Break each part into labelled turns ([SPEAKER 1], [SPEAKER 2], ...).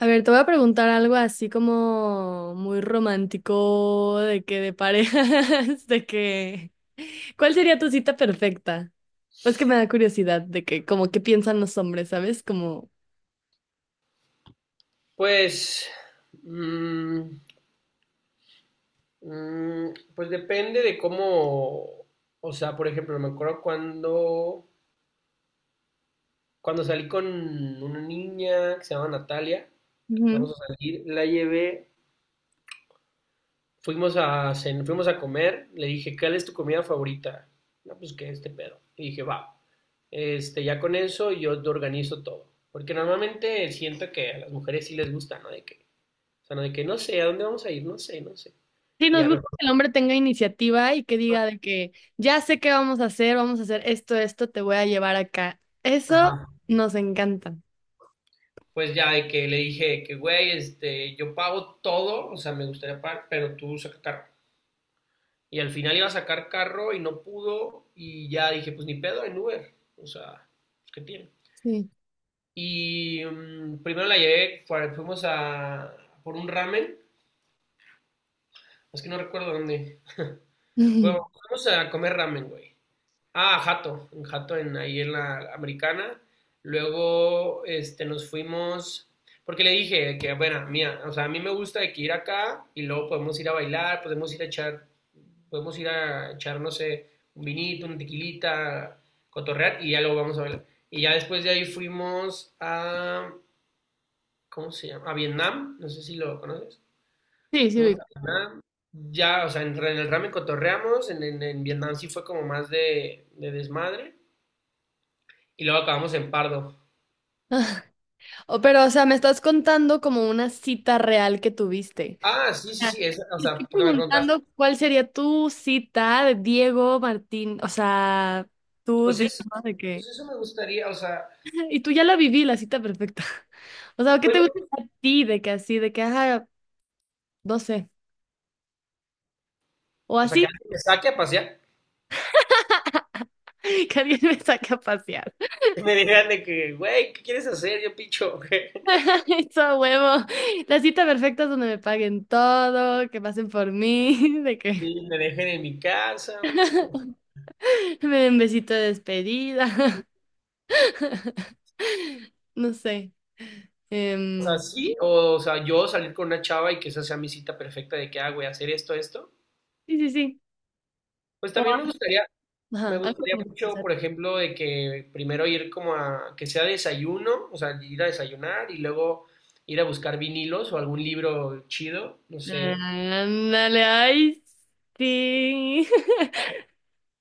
[SPEAKER 1] A ver, te voy a preguntar algo así como muy romántico, de parejas, ¿Cuál sería tu cita perfecta? Pues que me da curiosidad de que como qué piensan los hombres, ¿sabes? Como...
[SPEAKER 2] Pues, mm, pues depende de cómo, o sea, por ejemplo, me acuerdo cuando, cuando salí con una niña que se llama Natalia, empezamos
[SPEAKER 1] Ujú.
[SPEAKER 2] a salir, la llevé, fuimos a, fuimos a comer, le dije, ¿cuál es tu comida favorita? No, pues que este pedo. Y dije, va, este, ya con eso yo te organizo todo. Porque normalmente siento que a las mujeres sí les gusta, ¿no? De que, o sea, no de que no sé, ¿a dónde vamos a ir? No sé, no sé.
[SPEAKER 1] Sí,
[SPEAKER 2] Y
[SPEAKER 1] nos
[SPEAKER 2] ya
[SPEAKER 1] gusta
[SPEAKER 2] mejor.
[SPEAKER 1] que el hombre tenga iniciativa y que diga de que ya sé qué vamos a hacer esto, esto, te voy a llevar acá.
[SPEAKER 2] Ajá.
[SPEAKER 1] Eso nos encanta.
[SPEAKER 2] Pues ya de que le dije que, güey, este, yo pago todo, o sea, me gustaría pagar, pero tú saca carro. Y al final iba a sacar carro y no pudo, y ya dije, pues ni pedo en Uber, o sea, pues, ¿qué tiene?
[SPEAKER 1] Sí.
[SPEAKER 2] Y primero la llevé, fuimos a por un ramen, es que no recuerdo dónde.
[SPEAKER 1] Ujú.
[SPEAKER 2] Fuimos a comer ramen, güey. Ah, Jato, en Jato, en, ahí en la americana. Luego este, nos fuimos, porque le dije que, bueno, mía, o sea, a mí me gusta de que ir acá y luego podemos ir a bailar, podemos ir a echar, podemos ir a echar, no sé, un vinito, una tequilita, cotorrear y ya luego vamos a bailar. Y ya después de ahí fuimos a, ¿cómo se llama? A Vietnam, no sé si lo conoces.
[SPEAKER 1] Sí, sí.
[SPEAKER 2] Fuimos
[SPEAKER 1] Ubico.
[SPEAKER 2] a Vietnam, ya, o sea, en el ramen cotorreamos, en, en Vietnam sí fue como más de desmadre y luego acabamos en Pardo.
[SPEAKER 1] O, pero, o sea, me estás contando como una cita real que tuviste.
[SPEAKER 2] Ah, sí, sí,
[SPEAKER 1] Ah,
[SPEAKER 2] sí, o
[SPEAKER 1] estoy
[SPEAKER 2] sea, porque me preguntaste,
[SPEAKER 1] preguntando cuál sería tu cita de Diego Martín, o sea, tú,
[SPEAKER 2] pues
[SPEAKER 1] Diego,
[SPEAKER 2] eso,
[SPEAKER 1] de
[SPEAKER 2] pues
[SPEAKER 1] que,
[SPEAKER 2] eso me gustaría, o sea,
[SPEAKER 1] y tú ya la viví, la cita perfecta. O sea, ¿qué te
[SPEAKER 2] bueno,
[SPEAKER 1] gusta a ti de que así, ajá, no sé, o
[SPEAKER 2] o sea, que
[SPEAKER 1] así,
[SPEAKER 2] alguien me saque a pasear
[SPEAKER 1] que alguien me saque a pasear?
[SPEAKER 2] y me digan de que, güey, ¿qué quieres hacer? Yo picho, güey.
[SPEAKER 1] Eso, a huevo. La cita perfecta es donde me paguen todo, que pasen por mí, de que
[SPEAKER 2] Y me dejen en mi casa, güey.
[SPEAKER 1] me den besito de despedida, no sé.
[SPEAKER 2] O sea,
[SPEAKER 1] Em,
[SPEAKER 2] sí, o sea, yo salir con una chava y que esa sea mi cita perfecta de que, ah, güey, hacer esto, esto.
[SPEAKER 1] sí, sí, sí.
[SPEAKER 2] Pues
[SPEAKER 1] O,
[SPEAKER 2] también me gustaría. Me
[SPEAKER 1] ajá, algo
[SPEAKER 2] gustaría
[SPEAKER 1] como que
[SPEAKER 2] mucho, por ejemplo, de que primero ir como a que sea desayuno, o sea, ir a desayunar y luego ir a buscar vinilos o algún libro chido, no sé.
[SPEAKER 1] ándale, ay, sí.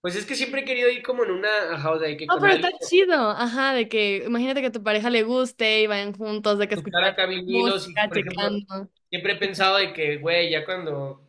[SPEAKER 2] Pues es que siempre he querido ir como en una, ajá, o sea, de que
[SPEAKER 1] No,
[SPEAKER 2] con
[SPEAKER 1] pero está
[SPEAKER 2] alguien,
[SPEAKER 1] chido. Ajá, de que imagínate que a tu pareja le guste y vayan juntos, de que
[SPEAKER 2] buscar
[SPEAKER 1] escuchar
[SPEAKER 2] acá vinilos y,
[SPEAKER 1] música,
[SPEAKER 2] por ejemplo,
[SPEAKER 1] checando.
[SPEAKER 2] siempre he pensado de que, güey, ya cuando,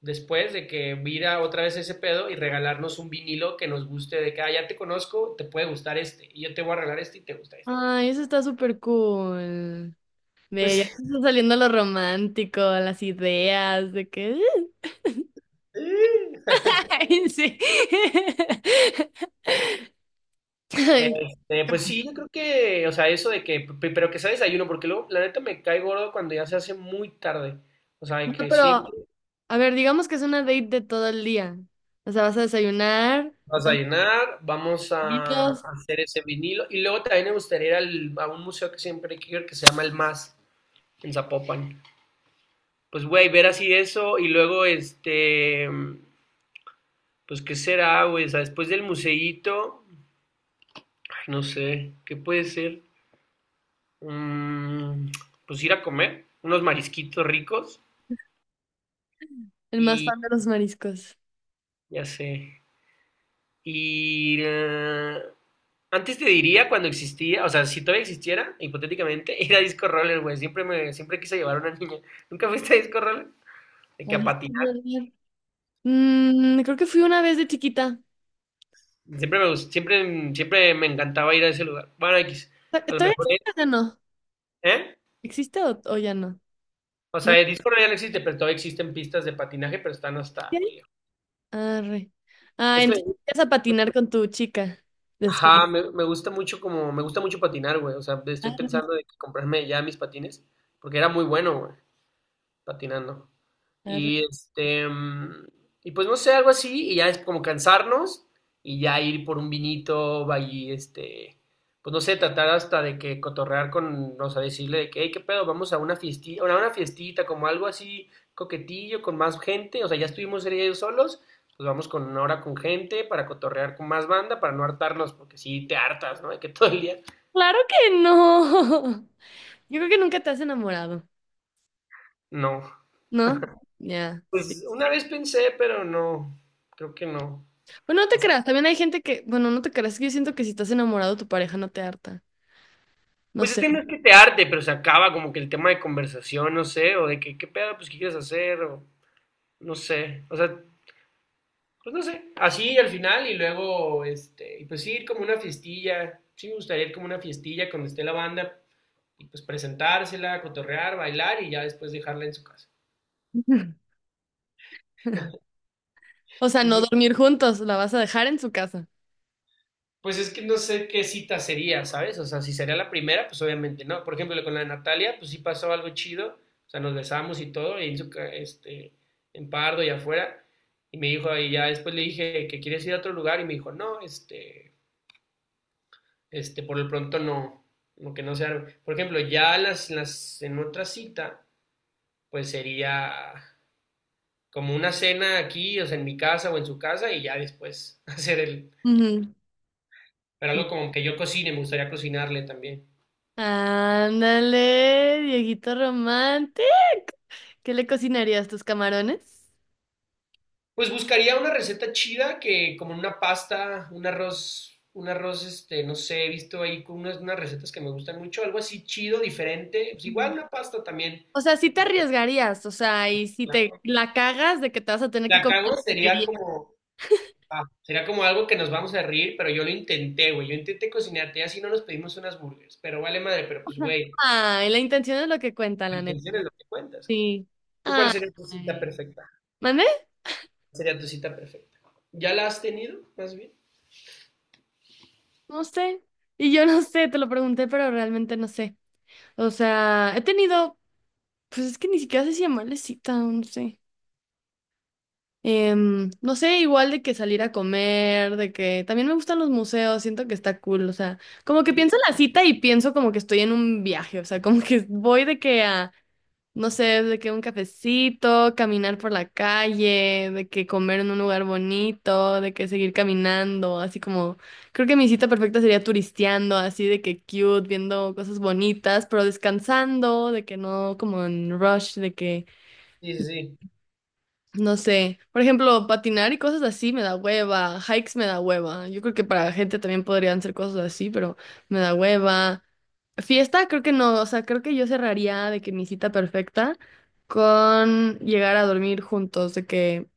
[SPEAKER 2] después de que vira otra vez ese pedo y regalarnos un vinilo que nos guste, de que, ah, ya te conozco, te puede gustar este, y yo te voy a regalar este y te gusta este.
[SPEAKER 1] Ay, eso está súper cool. Ve, ya
[SPEAKER 2] Pues,
[SPEAKER 1] te está saliendo lo romántico, las ideas, de que. Ay, sí. Ay,
[SPEAKER 2] este, pues sí, yo creo que, o sea, eso de que, pero que sea desayuno, porque luego, la neta, me cae gordo cuando ya se hace muy tarde. O sea, de
[SPEAKER 1] no,
[SPEAKER 2] que siempre
[SPEAKER 1] pero, a ver, digamos que es una date de todo el día. O sea, vas a desayunar, te
[SPEAKER 2] vas a
[SPEAKER 1] pones
[SPEAKER 2] llenar, vamos a
[SPEAKER 1] los
[SPEAKER 2] hacer ese vinilo. Y luego también me gustaría ir a un museo que siempre quiero ir, que se llama El Más, en Zapopan. Pues, güey, ver así eso y luego, este, pues, ¿qué será, güey? O sea, después del museíto, ay, no sé, ¿qué puede ser? Mm, pues ir a comer unos marisquitos ricos.
[SPEAKER 1] el más fan de los mariscos.
[SPEAKER 2] Ya sé. Y antes te diría cuando existía, o sea, si todavía existiera, hipotéticamente, ir a Disco Roller, güey. Siempre me, siempre quise llevar a una niña. ¿Nunca fuiste a Disco Roller? De que
[SPEAKER 1] La
[SPEAKER 2] a
[SPEAKER 1] viste
[SPEAKER 2] patinar.
[SPEAKER 1] llorar. Mm, creo que fui una vez de chiquita.
[SPEAKER 2] Siempre me siempre, siempre me encantaba ir a ese lugar. Bueno, X.
[SPEAKER 1] Ta-
[SPEAKER 2] A lo
[SPEAKER 1] ¿Todavía
[SPEAKER 2] mejor,
[SPEAKER 1] existe o ya no?
[SPEAKER 2] ¿eh?
[SPEAKER 1] ¿Existe o ya no?
[SPEAKER 2] O
[SPEAKER 1] ¿No?
[SPEAKER 2] sea, el Disco Roller ya no existe, pero todavía existen pistas de patinaje, pero están hasta
[SPEAKER 1] ¿Sí hay?
[SPEAKER 2] muy lejos.
[SPEAKER 1] Arre. Ah,
[SPEAKER 2] Es que,
[SPEAKER 1] entonces vas a patinar con tu chica después.
[SPEAKER 2] ajá, me gusta mucho como, me gusta mucho patinar, güey. O sea, estoy
[SPEAKER 1] Arre,
[SPEAKER 2] pensando de que comprarme ya mis patines, porque era muy bueno, güey, patinando.
[SPEAKER 1] arre.
[SPEAKER 2] Y este, y pues no sé, algo así, y ya es como cansarnos y ya ir por un vinito, va este, pues no sé, tratar hasta de que cotorrear con, o sea, decirle de que, hey, qué pedo, vamos a una fiestita, como algo así coquetillo, con más gente, o sea, ya estuvimos ellos solos, pues vamos con ahora con gente para cotorrear con más banda, para no hartarnos, porque si te hartas, ¿no? De que todo el día,
[SPEAKER 1] Claro que no. Yo creo que nunca te has enamorado,
[SPEAKER 2] no.
[SPEAKER 1] ¿no? Ya, sí.
[SPEAKER 2] Pues una vez pensé, pero no, creo que no.
[SPEAKER 1] Bueno, no te creas. También hay gente que, bueno, no te creas. Que Yo siento que si estás enamorado, tu pareja no te harta. No
[SPEAKER 2] Pues
[SPEAKER 1] sé.
[SPEAKER 2] este no es que te arte, pero se acaba como que el tema de conversación, no sé, o de que qué pedo, pues qué quieres hacer, o no sé, o sea, pues no sé, así al final y luego, este, y pues sí, ir como una fiestilla, sí me gustaría ir como una fiestilla cuando esté la banda, y pues presentársela, cotorrear, bailar y ya después dejarla en su casa.
[SPEAKER 1] O sea, no
[SPEAKER 2] Pues
[SPEAKER 1] dormir juntos, la vas a dejar en su casa.
[SPEAKER 2] pues es que no sé qué cita sería, ¿sabes? O sea, si sería la primera, pues obviamente no. Por ejemplo, con la Natalia, pues sí pasó algo chido. O sea, nos besamos y todo, ahí en, este, en Pardo y afuera. Y me dijo, y ya después le dije que quieres ir a otro lugar. Y me dijo, no, este, por lo pronto no, no que no sea. Por ejemplo, ya las, en otra cita, pues sería como una cena aquí, o sea, en mi casa o en su casa, y ya después hacer el.
[SPEAKER 1] Ujú.
[SPEAKER 2] Pero algo como que yo cocine, me gustaría cocinarle también.
[SPEAKER 1] Ándale, Dieguito Romante. ¿Qué le cocinarías tus camarones?
[SPEAKER 2] Pues buscaría una receta chida que como una pasta, un arroz, este, no sé, he visto ahí con unas, unas recetas que me gustan mucho, algo así chido, diferente, pues igual
[SPEAKER 1] Ujú.
[SPEAKER 2] una pasta también.
[SPEAKER 1] O sea, sí te arriesgarías, o sea, y si te
[SPEAKER 2] Claro.
[SPEAKER 1] la cagas de que te vas a tener que
[SPEAKER 2] La
[SPEAKER 1] comer lo
[SPEAKER 2] cago
[SPEAKER 1] que
[SPEAKER 2] sería
[SPEAKER 1] querías.
[SPEAKER 2] como, ah, sería como algo que nos vamos a reír, pero yo lo intenté, güey, yo intenté cocinarte, y así no nos pedimos unas burgers, pero vale madre, pero pues, güey,
[SPEAKER 1] Ay, la intención es lo que cuenta, la
[SPEAKER 2] la
[SPEAKER 1] neta.
[SPEAKER 2] atención es lo que cuentas.
[SPEAKER 1] Sí.
[SPEAKER 2] ¿Tú cuál
[SPEAKER 1] Ay.
[SPEAKER 2] sería tu cita perfecta?
[SPEAKER 1] ¿Mandé?
[SPEAKER 2] ¿Cuál sería tu cita perfecta? ¿Ya la has tenido, más bien?
[SPEAKER 1] No sé. Y yo no sé, te lo pregunté, pero realmente no sé. O sea, he tenido, pues es que ni siquiera sé si llamarle cita, no sé. No sé, igual de que salir a comer, de que también me gustan los museos, siento que está cool, o sea, como que
[SPEAKER 2] Sí,
[SPEAKER 1] pienso en la cita y pienso como que estoy en un viaje, o sea, como que voy de que a, no sé, de que un cafecito, caminar por la calle, de que comer en un lugar bonito, de que seguir caminando, así como, creo que mi cita perfecta sería turisteando, así de que cute, viendo cosas bonitas, pero descansando, de que no como en rush,
[SPEAKER 2] sí, sí, sí.
[SPEAKER 1] No sé, por ejemplo, patinar y cosas así me da hueva, hikes me da hueva. Yo creo que para gente también podrían ser cosas así, pero me da hueva. Fiesta, creo que no, o sea, creo que yo cerraría de que mi cita perfecta con llegar a dormir juntos, de que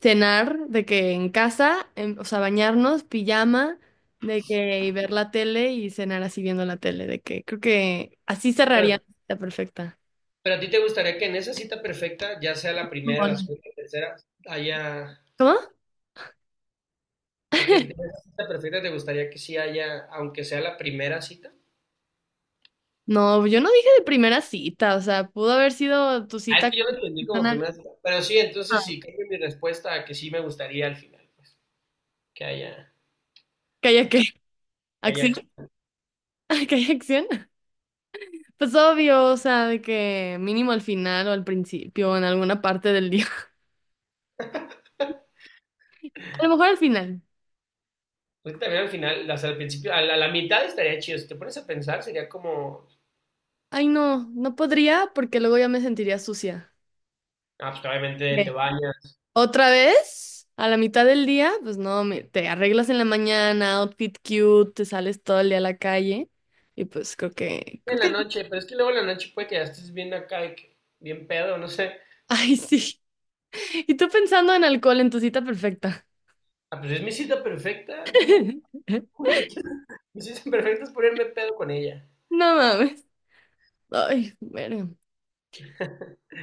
[SPEAKER 1] cenar, de que en casa, en- o sea, bañarnos, pijama, de que y ver la tele y cenar así viendo la tele, de que creo que así cerraría mi cita perfecta.
[SPEAKER 2] Pero a ti te gustaría que en esa cita perfecta, ya sea la primera, la
[SPEAKER 1] Bueno.
[SPEAKER 2] segunda, la tercera, haya,
[SPEAKER 1] ¿Cómo?
[SPEAKER 2] o sea, que en esa cita perfecta te gustaría que sí haya, aunque sea la primera cita.
[SPEAKER 1] No, yo no dije de primera cita, o sea, pudo haber sido tu
[SPEAKER 2] Ah, es
[SPEAKER 1] cita
[SPEAKER 2] que
[SPEAKER 1] con
[SPEAKER 2] yo lo
[SPEAKER 1] una
[SPEAKER 2] entendí como
[SPEAKER 1] persona.
[SPEAKER 2] primera cita. Pero sí, entonces
[SPEAKER 1] Ah,
[SPEAKER 2] sí, cambio mi respuesta a que sí me gustaría al final, pues, que haya,
[SPEAKER 1] ¿que haya qué?
[SPEAKER 2] acción, que haya
[SPEAKER 1] ¿Acción?
[SPEAKER 2] acción.
[SPEAKER 1] ¿Que haya acción? Pues obvio, o sea, de que mínimo al final o al principio o en alguna parte del día. A lo mejor al final.
[SPEAKER 2] Porque también al final, hasta al principio, a la mitad estaría chido. Si te pones a pensar, sería como,
[SPEAKER 1] Ay, no, no podría porque luego ya me sentiría sucia.
[SPEAKER 2] ah, pues obviamente te
[SPEAKER 1] ¿Qué?
[SPEAKER 2] bañas
[SPEAKER 1] ¿Otra vez? A la mitad del día, pues no, me- te arreglas en la mañana, outfit cute, te sales todo el día a la calle y pues creo que, creo
[SPEAKER 2] en la
[SPEAKER 1] que,
[SPEAKER 2] noche, pero es que luego en la noche puede que ya estés bien acá, de que bien pedo, no sé.
[SPEAKER 1] ay, sí. Y tú pensando en alcohol en tu cita perfecta.
[SPEAKER 2] Ah, pues es mi cita perfecta, tú, lo que quieras. Mi sueño es ponerme pedo con ella.
[SPEAKER 1] No mames. Ay, bueno.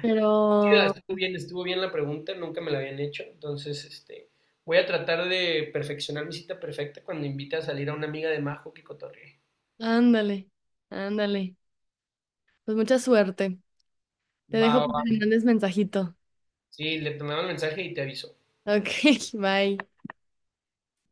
[SPEAKER 1] Pero,
[SPEAKER 2] Sí, no, estuvo bien la pregunta, nunca me la habían hecho, entonces este, voy a tratar de perfeccionar mi cita perfecta cuando invite a salir a una amiga de Majo que cotorree.
[SPEAKER 1] ándale, ándale. Pues mucha suerte. Te
[SPEAKER 2] Va,
[SPEAKER 1] dejo
[SPEAKER 2] va,
[SPEAKER 1] para que
[SPEAKER 2] va.
[SPEAKER 1] me mandes mensajito.
[SPEAKER 2] Sí, le tomaba el mensaje y te aviso.
[SPEAKER 1] Ok, bye.